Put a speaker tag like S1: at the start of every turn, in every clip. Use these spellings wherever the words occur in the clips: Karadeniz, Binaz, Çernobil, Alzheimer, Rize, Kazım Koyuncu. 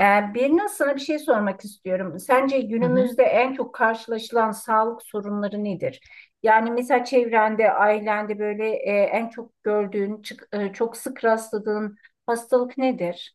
S1: Birine sana bir şey sormak istiyorum. Sence
S2: Hı hı.
S1: günümüzde en çok karşılaşılan sağlık sorunları nedir? Yani mesela çevrende, ailende böyle en çok gördüğün, çok sık rastladığın hastalık nedir?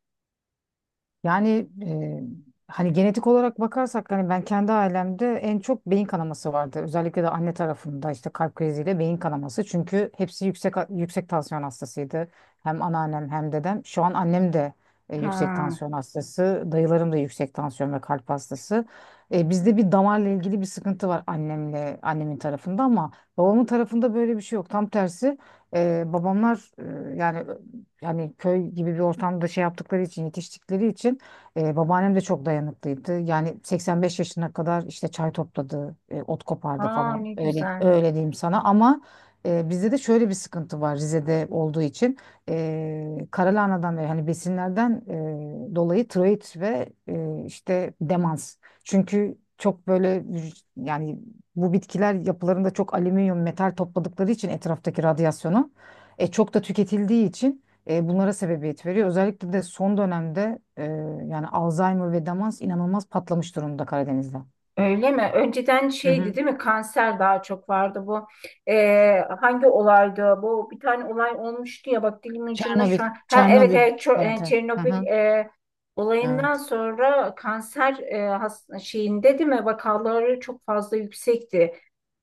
S2: Yani hani genetik olarak bakarsak hani ben kendi ailemde en çok beyin kanaması vardı. Özellikle de anne tarafında işte kalp kriziyle beyin kanaması. Çünkü hepsi yüksek yüksek tansiyon hastasıydı. Hem anneannem hem dedem. Şu an annem de yüksek
S1: Ha,
S2: tansiyon hastası. Dayılarım da yüksek tansiyon ve kalp hastası. Bizde bir damarla ilgili bir sıkıntı var annemle annemin tarafında ama babamın tarafında böyle bir şey yok. Tam tersi, babamlar, yani köy gibi bir ortamda şey yaptıkları için yetiştikleri için, babaannem de çok dayanıklıydı. Yani 85 yaşına kadar işte çay topladı, ot kopardı
S1: aa,
S2: falan.
S1: ne
S2: Öyle
S1: güzel.
S2: öyle diyeyim sana ama bizde de şöyle bir sıkıntı var Rize'de olduğu için. Karalahana'dan ve hani besinlerden dolayı tiroid ve işte demans. Çünkü çok böyle yani bu bitkiler yapılarında çok alüminyum metal topladıkları için etraftaki radyasyonu, çok da tüketildiği için, bunlara sebebiyet veriyor. Özellikle de son dönemde, yani Alzheimer ve demans inanılmaz patlamış durumda Karadeniz'de.
S1: Öyle mi? Önceden
S2: Hı
S1: şeydi
S2: hı.
S1: değil mi? Kanser daha çok vardı bu. Hangi olaydı? Bu bir tane olay olmuştu ya bak dilimin ucunda
S2: Çernobil,
S1: şu an. Ha evet
S2: Çernobil.
S1: evet
S2: Evet, evet. Hı
S1: Çernobil
S2: hı.
S1: olayından
S2: Evet.
S1: sonra kanser şeyinde değil mi? Vakaları çok fazla yüksekti.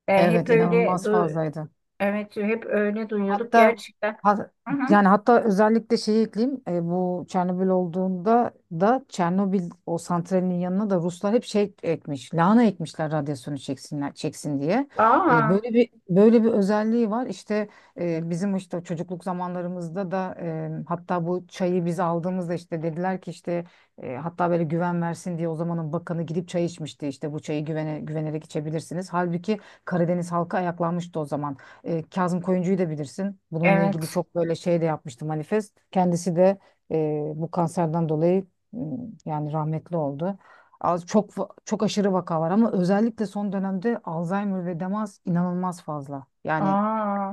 S1: E, hep
S2: Evet,
S1: öyle
S2: inanılmaz
S1: du-
S2: fazlaydı.
S1: evet hep öyle duyuyorduk
S2: Hatta
S1: gerçekten.
S2: ha-
S1: Hı hı.
S2: yani hatta özellikle şey ekleyeyim, bu Çernobil olduğunda da Çernobil o santralinin yanına da Ruslar hep şey ekmiş lahana ekmişler radyasyonu çeksin diye. E,
S1: Aa
S2: böyle bir böyle bir özelliği var İşte e, bizim işte çocukluk zamanlarımızda da, hatta bu çayı biz aldığımızda işte dediler ki işte, hatta böyle güven versin diye o zamanın bakanı gidip çay içmişti işte bu çayı güvenerek içebilirsiniz. Halbuki Karadeniz halkı ayaklanmıştı o zaman. Kazım Koyuncu'yu da bilirsin. Bununla ilgili
S1: evet.
S2: çok böyle şey de yapmıştı manifest. Kendisi de e, bu kanserden dolayı m, yani rahmetli oldu. Az çok çok aşırı vaka var ama özellikle son dönemde Alzheimer ve demans inanılmaz fazla. Yani
S1: Aa,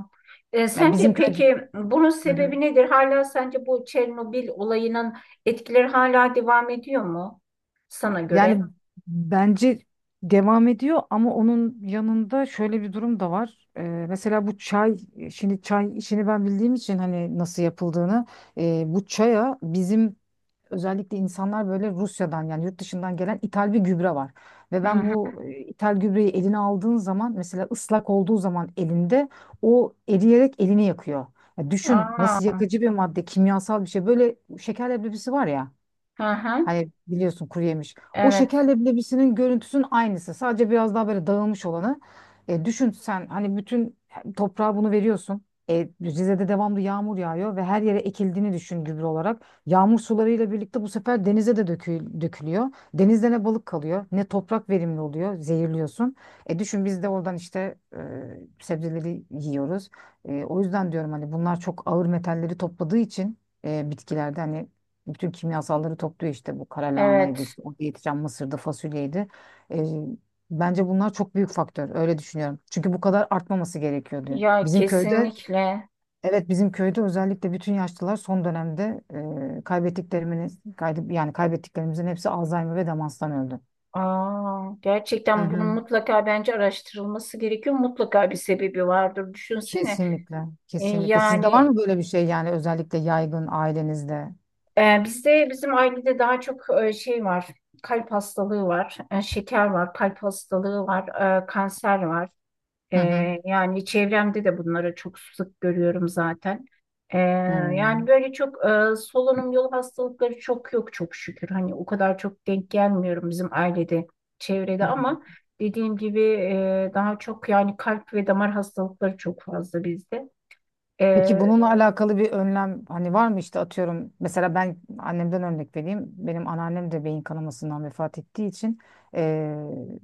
S2: ya
S1: sence
S2: bizim köyde.
S1: peki bunun
S2: Hı hı.
S1: sebebi nedir? Hala sence bu Çernobil olayının etkileri hala devam ediyor mu sana göre?
S2: Yani bence devam ediyor ama onun yanında şöyle bir durum da var. Mesela bu çay, şimdi çay işini ben bildiğim için hani nasıl yapıldığını, bu çaya bizim özellikle insanlar böyle Rusya'dan yani yurt dışından gelen ithal bir gübre var. Ve
S1: Hı
S2: ben
S1: hı.
S2: bu ithal gübreyi eline aldığın zaman mesela ıslak olduğu zaman elinde o eriyerek elini yakıyor. Ya düşün nasıl
S1: Aa,
S2: yakıcı bir madde, kimyasal bir şey. Böyle şeker leblebisi var ya.
S1: hı hı.
S2: Hani biliyorsun kuru yemiş. O
S1: Evet,
S2: şekerle bilebisinin görüntüsünün aynısı. Sadece biraz daha böyle dağılmış olanı. Düşün sen hani bütün toprağa bunu veriyorsun. Rize'de devamlı yağmur yağıyor ve her yere ekildiğini düşün gübre olarak. Yağmur sularıyla birlikte bu sefer denize de dökülüyor. Denizde ne balık kalıyor, ne toprak verimli oluyor, zehirliyorsun. Düşün biz de oradan işte, sebzeleri yiyoruz. O yüzden diyorum hani bunlar çok ağır metalleri topladığı için, bitkilerde hani bütün kimyasalları topluyor işte bu kara lahanaydı
S1: evet.
S2: işte orada yetişen mısırdı fasulyeydi. E, bence bunlar çok büyük faktör öyle düşünüyorum. Çünkü bu kadar artmaması gerekiyor diyor.
S1: Ya
S2: Bizim köyde
S1: kesinlikle.
S2: evet bizim köyde özellikle bütün yaşlılar son dönemde, yani kaybettiklerimizin hepsi Alzheimer ve demanstan öldü.
S1: Aa,
S2: Hı
S1: gerçekten bunun
S2: hı.
S1: mutlaka bence araştırılması gerekiyor. Mutlaka bir sebebi vardır. Düşünsene.
S2: Kesinlikle,
S1: E,
S2: kesinlikle. Sizde var
S1: yani
S2: mı böyle bir şey yani özellikle yaygın ailenizde?
S1: Bizde bizim ailede daha çok şey var, kalp hastalığı var, şeker var, kalp hastalığı var, kanser var. E,
S2: Hı hı.
S1: yani çevremde de bunları çok sık görüyorum zaten. E, yani böyle çok solunum yolu hastalıkları çok yok çok şükür. Hani o kadar çok denk gelmiyorum bizim ailede, çevrede ama
S2: Hmm.
S1: dediğim gibi daha çok yani kalp ve damar hastalıkları çok fazla bizde. E,
S2: Peki bununla alakalı bir önlem hani var mı işte atıyorum mesela ben annemden örnek vereyim benim anneannem de beyin kanamasından vefat ettiği için, eee,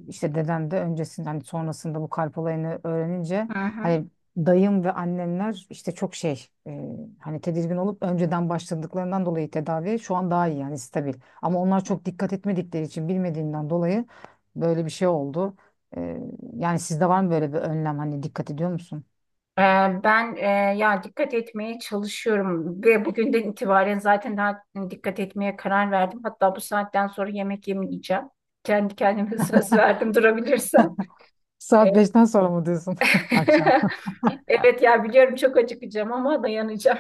S2: işte dedem de öncesinde hani sonrasında bu kalp olayını öğrenince
S1: hı hı.
S2: hani dayım ve annemler işte çok şey, hani tedirgin olup önceden başladıklarından dolayı tedavi şu an daha iyi yani stabil ama onlar çok dikkat etmedikleri için bilmediğinden dolayı böyle bir şey oldu. Eee, Yani sizde var mı böyle bir önlem hani dikkat ediyor musunuz?
S1: Ee, Ben ya dikkat etmeye çalışıyorum ve bugünden itibaren zaten daha dikkat etmeye karar verdim. Hatta bu saatten sonra yemek yemeyeceğim. Kendi kendime söz verdim durabilirsem. Ee,
S2: Saat 5'ten sonra mı diyorsun akşam?
S1: Evet ya biliyorum çok acıkacağım ama dayanacağım.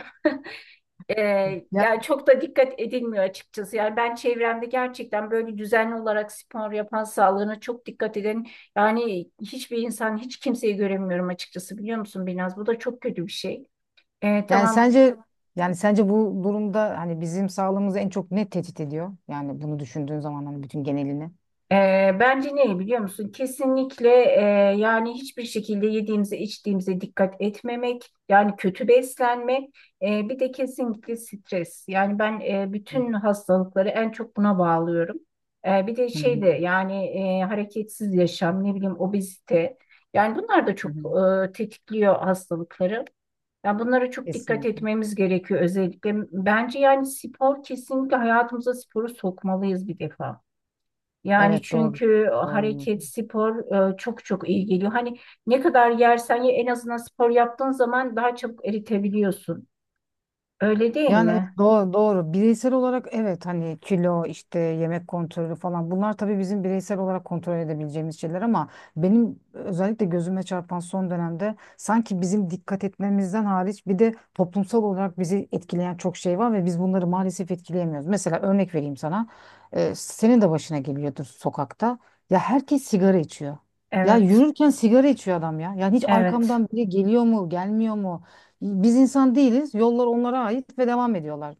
S2: Ya,
S1: Yani çok da dikkat edilmiyor açıkçası. Yani ben çevremde gerçekten böyle düzenli olarak spor yapan, sağlığına çok dikkat eden yani hiçbir insan, hiç kimseyi göremiyorum açıkçası biliyor musun Binaz? Bu da çok kötü bir şey. Ee,
S2: yani
S1: tamam
S2: sence yani sence bu durumda hani bizim sağlığımızı en çok ne tehdit ediyor? Yani bunu düşündüğün zaman hani bütün genelini.
S1: Bence ne biliyor musun? Kesinlikle, yani hiçbir şekilde yediğimize içtiğimize dikkat etmemek, yani kötü beslenmek, bir de kesinlikle stres. Yani ben
S2: Hı
S1: bütün hastalıkları en çok buna bağlıyorum. Bir de
S2: hı,
S1: şey de
S2: hı
S1: yani hareketsiz yaşam, ne bileyim obezite. Yani bunlar da çok
S2: hı.
S1: e, tetikliyor hastalıkları. Yani bunlara çok dikkat
S2: Kesinlikle.
S1: etmemiz gerekiyor özellikle. Bence yani spor kesinlikle hayatımıza sporu sokmalıyız bir defa. Yani
S2: Evet, doğru.
S1: çünkü
S2: Doğru.
S1: hareket, spor çok çok iyi geliyor. Hani ne kadar yersen ye en azından spor yaptığın zaman daha çabuk eritebiliyorsun. Öyle değil
S2: Yani evet,
S1: mi?
S2: doğru, doğru. Bireysel olarak evet hani kilo işte yemek kontrolü falan bunlar tabii bizim bireysel olarak kontrol edebileceğimiz şeyler ama benim özellikle gözüme çarpan son dönemde sanki bizim dikkat etmemizden hariç bir de toplumsal olarak bizi etkileyen çok şey var ve biz bunları maalesef etkileyemiyoruz. Mesela örnek vereyim sana. Senin de başına geliyordur sokakta. Ya herkes sigara içiyor. Ya
S1: Evet,
S2: yürürken sigara içiyor adam ya. Yani hiç
S1: evet,
S2: arkamdan biri geliyor mu, gelmiyor mu? Biz insan değiliz. Yollar onlara ait ve devam ediyorlar.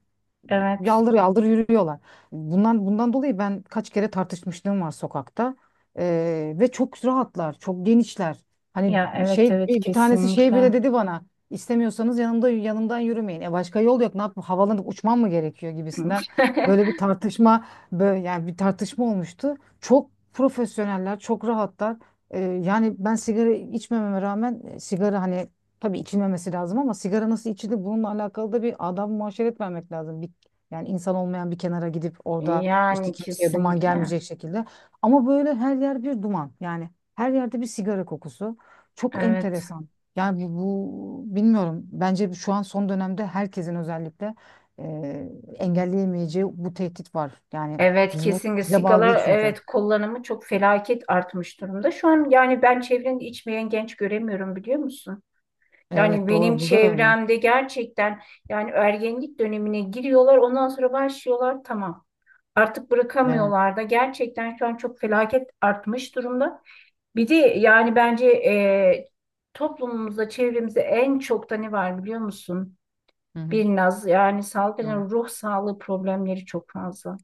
S1: evet.
S2: Yaldır yaldır yürüyorlar. Bundan dolayı ben kaç kere tartışmışlığım var sokakta. Ve çok rahatlar, çok genişler. Hani
S1: Ya evet,
S2: şey
S1: evet
S2: bir tanesi şey
S1: kesinlikle.
S2: bile dedi bana. İstemiyorsanız yanımda yanımdan yürümeyin. E başka yol yok. Ne yapayım? Havalanıp uçmam mı gerekiyor gibisinden. Böyle bir tartışma, böyle yani bir tartışma olmuştu. Çok profesyoneller, çok rahatlar. Yani ben sigara içmememe rağmen, sigara hani. Tabii içilmemesi lazım ama sigara nasıl içilir bununla alakalı da bir adam muaşeret vermek lazım. Bir, yani insan olmayan bir kenara gidip orada işte
S1: Yani
S2: kimseye duman
S1: kesinlikle.
S2: gelmeyecek şekilde. Ama böyle her yer bir duman. Yani her yerde bir sigara kokusu. Çok
S1: Evet.
S2: enteresan. Yani bu bilmiyorum. Bence şu an son dönemde herkesin özellikle, e, engelleyemeyeceği bu tehdit var. Yani
S1: Evet
S2: biz bunu
S1: kesinlikle
S2: bize bağlı
S1: sigara
S2: değil çünkü.
S1: evet kullanımı çok felaket artmış durumda. Şu an yani ben çevrende içmeyen genç göremiyorum biliyor musun? Yani
S2: Evet,
S1: benim
S2: doğru. Burada da öyle.
S1: çevremde gerçekten yani ergenlik dönemine giriyorlar ondan sonra başlıyorlar tamam. Artık
S2: Evet.
S1: bırakamıyorlar da gerçekten şu an çok felaket artmış durumda. Bir de yani bence toplumumuzda çevremizde en çok da ne var biliyor musun?
S2: Hı hı.
S1: Bir naz yani
S2: Doğru.
S1: salgın ruh sağlığı problemleri çok fazla.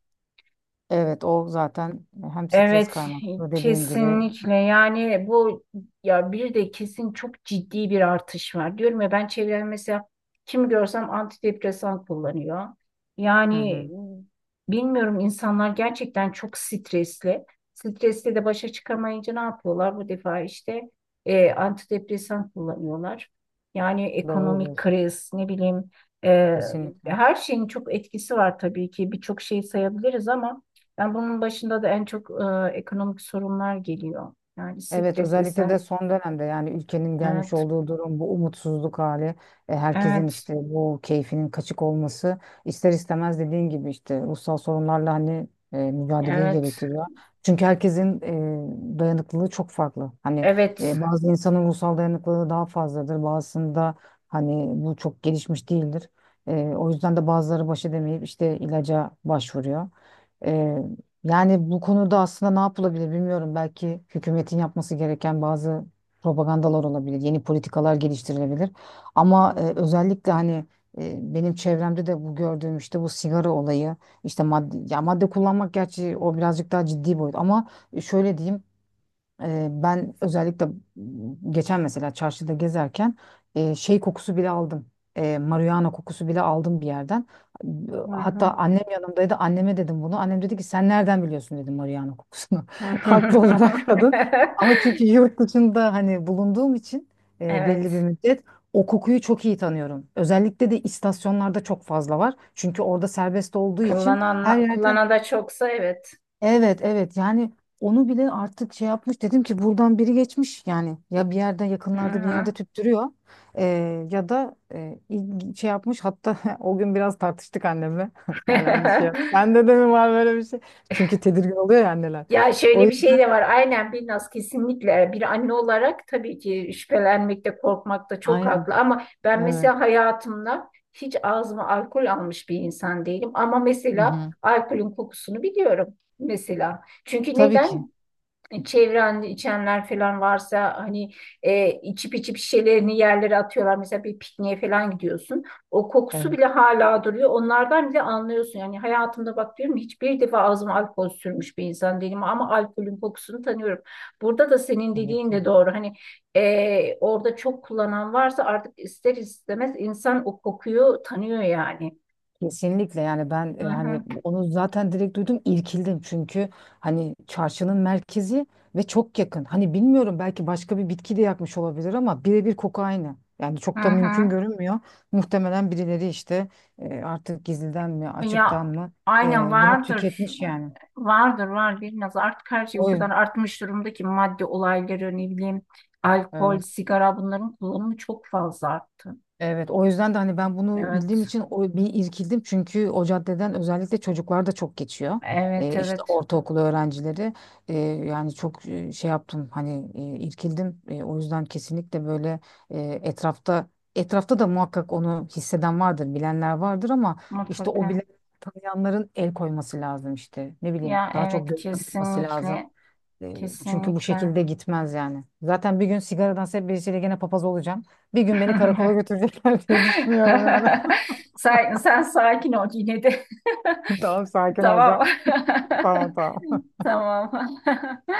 S2: Evet o zaten hem stres
S1: Evet,
S2: kaynaklı dediğin gibi.
S1: kesinlikle. Yani bu ya bir de kesin çok ciddi bir artış var. Diyorum ya ben çevremde mesela kim görsem antidepresan kullanıyor.
S2: Hı
S1: Yani
S2: hı.
S1: bilmiyorum insanlar gerçekten çok stresli. Stresle de başa çıkamayınca ne yapıyorlar? Bu defa işte antidepresan kullanıyorlar. Yani
S2: Doğru
S1: ekonomik
S2: diyorsun.
S1: kriz, ne bileyim e,
S2: Kesinlikle.
S1: her şeyin çok etkisi var tabii ki. Birçok şey sayabiliriz ama yani bunun başında da en çok ekonomik sorunlar geliyor. Yani
S2: Evet
S1: stres
S2: özellikle de
S1: isen
S2: son dönemde yani ülkenin gelmiş
S1: evet
S2: olduğu durum bu umutsuzluk hali, herkesin
S1: evet
S2: işte bu keyfinin kaçık olması ister istemez dediğin gibi işte ruhsal sorunlarla hani mücadeleyi
S1: evet
S2: gerektiriyor. Çünkü herkesin dayanıklılığı çok farklı. Hani
S1: evet.
S2: bazı insanın ruhsal dayanıklılığı daha fazladır bazısında hani bu çok gelişmiş değildir. O yüzden de bazıları baş edemeyip işte ilaca başvuruyor. E, yani bu konuda aslında ne yapılabilir bilmiyorum. Belki hükümetin yapması gereken bazı propagandalar olabilir, yeni politikalar geliştirilebilir. Ama özellikle hani benim çevremde de bu gördüğüm işte bu sigara olayı, işte madde, ya madde kullanmak gerçi o birazcık daha ciddi boyut. Ama şöyle diyeyim. Ben özellikle geçen mesela çarşıda gezerken şey kokusu bile aldım. Marihuana kokusu bile aldım bir yerden.
S1: Hı
S2: Hatta
S1: hı.
S2: annem yanımdaydı. Anneme dedim bunu. Annem dedi ki sen nereden biliyorsun dedim marihuana kokusunu. Haklı olarak kadın. Ama çünkü yurt dışında hani bulunduğum için, belli bir
S1: Evet
S2: müddet o kokuyu çok iyi tanıyorum. Özellikle de istasyonlarda çok fazla var. Çünkü orada serbest olduğu için her
S1: kullanan
S2: yerde.
S1: kullanana da çoksa evet.
S2: Evet, evet, yani onu bile artık şey yapmış, dedim ki buradan biri geçmiş yani, ya bir yerde,
S1: Hı
S2: yakınlarda bir
S1: hı.
S2: yerde tüttürüyor. Ya da şey yapmış hatta o gün biraz tartıştık annemle yani anne sende de mi var böyle bir şey, çünkü tedirgin oluyor ya anneler,
S1: Ya
S2: o
S1: şöyle bir şey
S2: yüzden,
S1: de var. Aynen Binnaz kesinlikle bir anne olarak tabii ki şüphelenmekte, korkmakta çok
S2: aynen,
S1: haklı. Ama ben
S2: evet,
S1: mesela hayatımda hiç ağzıma alkol almış bir insan değilim. Ama
S2: hı
S1: mesela
S2: hı.
S1: alkolün kokusunu biliyorum mesela. Çünkü
S2: Tabii ki,
S1: neden? Çevrende içenler falan varsa hani içip içip şişelerini yerlere atıyorlar. Mesela bir pikniğe falan gidiyorsun. O kokusu
S2: evet,
S1: bile hala duruyor. Onlardan bile anlıyorsun. Yani hayatımda bak diyorum hiçbir defa ağzıma alkol sürmüş bir insan değilim ama alkolün kokusunu tanıyorum. Burada da senin
S2: tabii
S1: dediğin
S2: ki.
S1: de doğru. Hani orada çok kullanan varsa artık ister istemez insan o kokuyu tanıyor yani.
S2: Kesinlikle, yani ben
S1: Hı hı.
S2: hani onu zaten direkt duydum, irkildim, çünkü hani çarşının merkezi ve çok yakın. Hani bilmiyorum belki başka bir bitki de yakmış olabilir ama birebir koku aynı. Yani
S1: Hı
S2: çok da mümkün
S1: hı.
S2: görünmüyor. Muhtemelen birileri işte artık gizliden mi
S1: Ya
S2: açıktan mı
S1: aynen
S2: bunu
S1: vardır.
S2: tüketmiş yani.
S1: Vardır var biraz artık her şey o
S2: O
S1: kadar artmış durumda ki madde olayları ne bileyim alkol,
S2: evet.
S1: sigara bunların kullanımı çok fazla arttı.
S2: Evet, o yüzden de hani ben bunu bildiğim
S1: Evet.
S2: için bir irkildim, çünkü o caddeden özellikle çocuklar da çok geçiyor.
S1: Evet
S2: İşte
S1: evet
S2: ortaokul öğrencileri. Ee, Yani çok şey yaptım, hani irkildim. O yüzden kesinlikle böyle etrafta da muhakkak onu hisseden vardır, bilenler vardır ama işte o bile,
S1: mutlaka.
S2: tanıyanların el koyması lazım işte. Ne bileyim,
S1: Ya
S2: daha çok
S1: evet
S2: gözlem olması lazım.
S1: kesinlikle
S2: E, Çünkü bu
S1: kesinlikle.
S2: şekilde gitmez yani. Zaten bir gün sigaradan hep birisiyle gene papaz olacağım. Bir gün beni karakola götürecekler diye düşünüyorum yani.
S1: Sen, sakin ol yine de.
S2: Tamam, sakin
S1: Tamam.
S2: olacağım. Tamam, tamam.
S1: Tamam.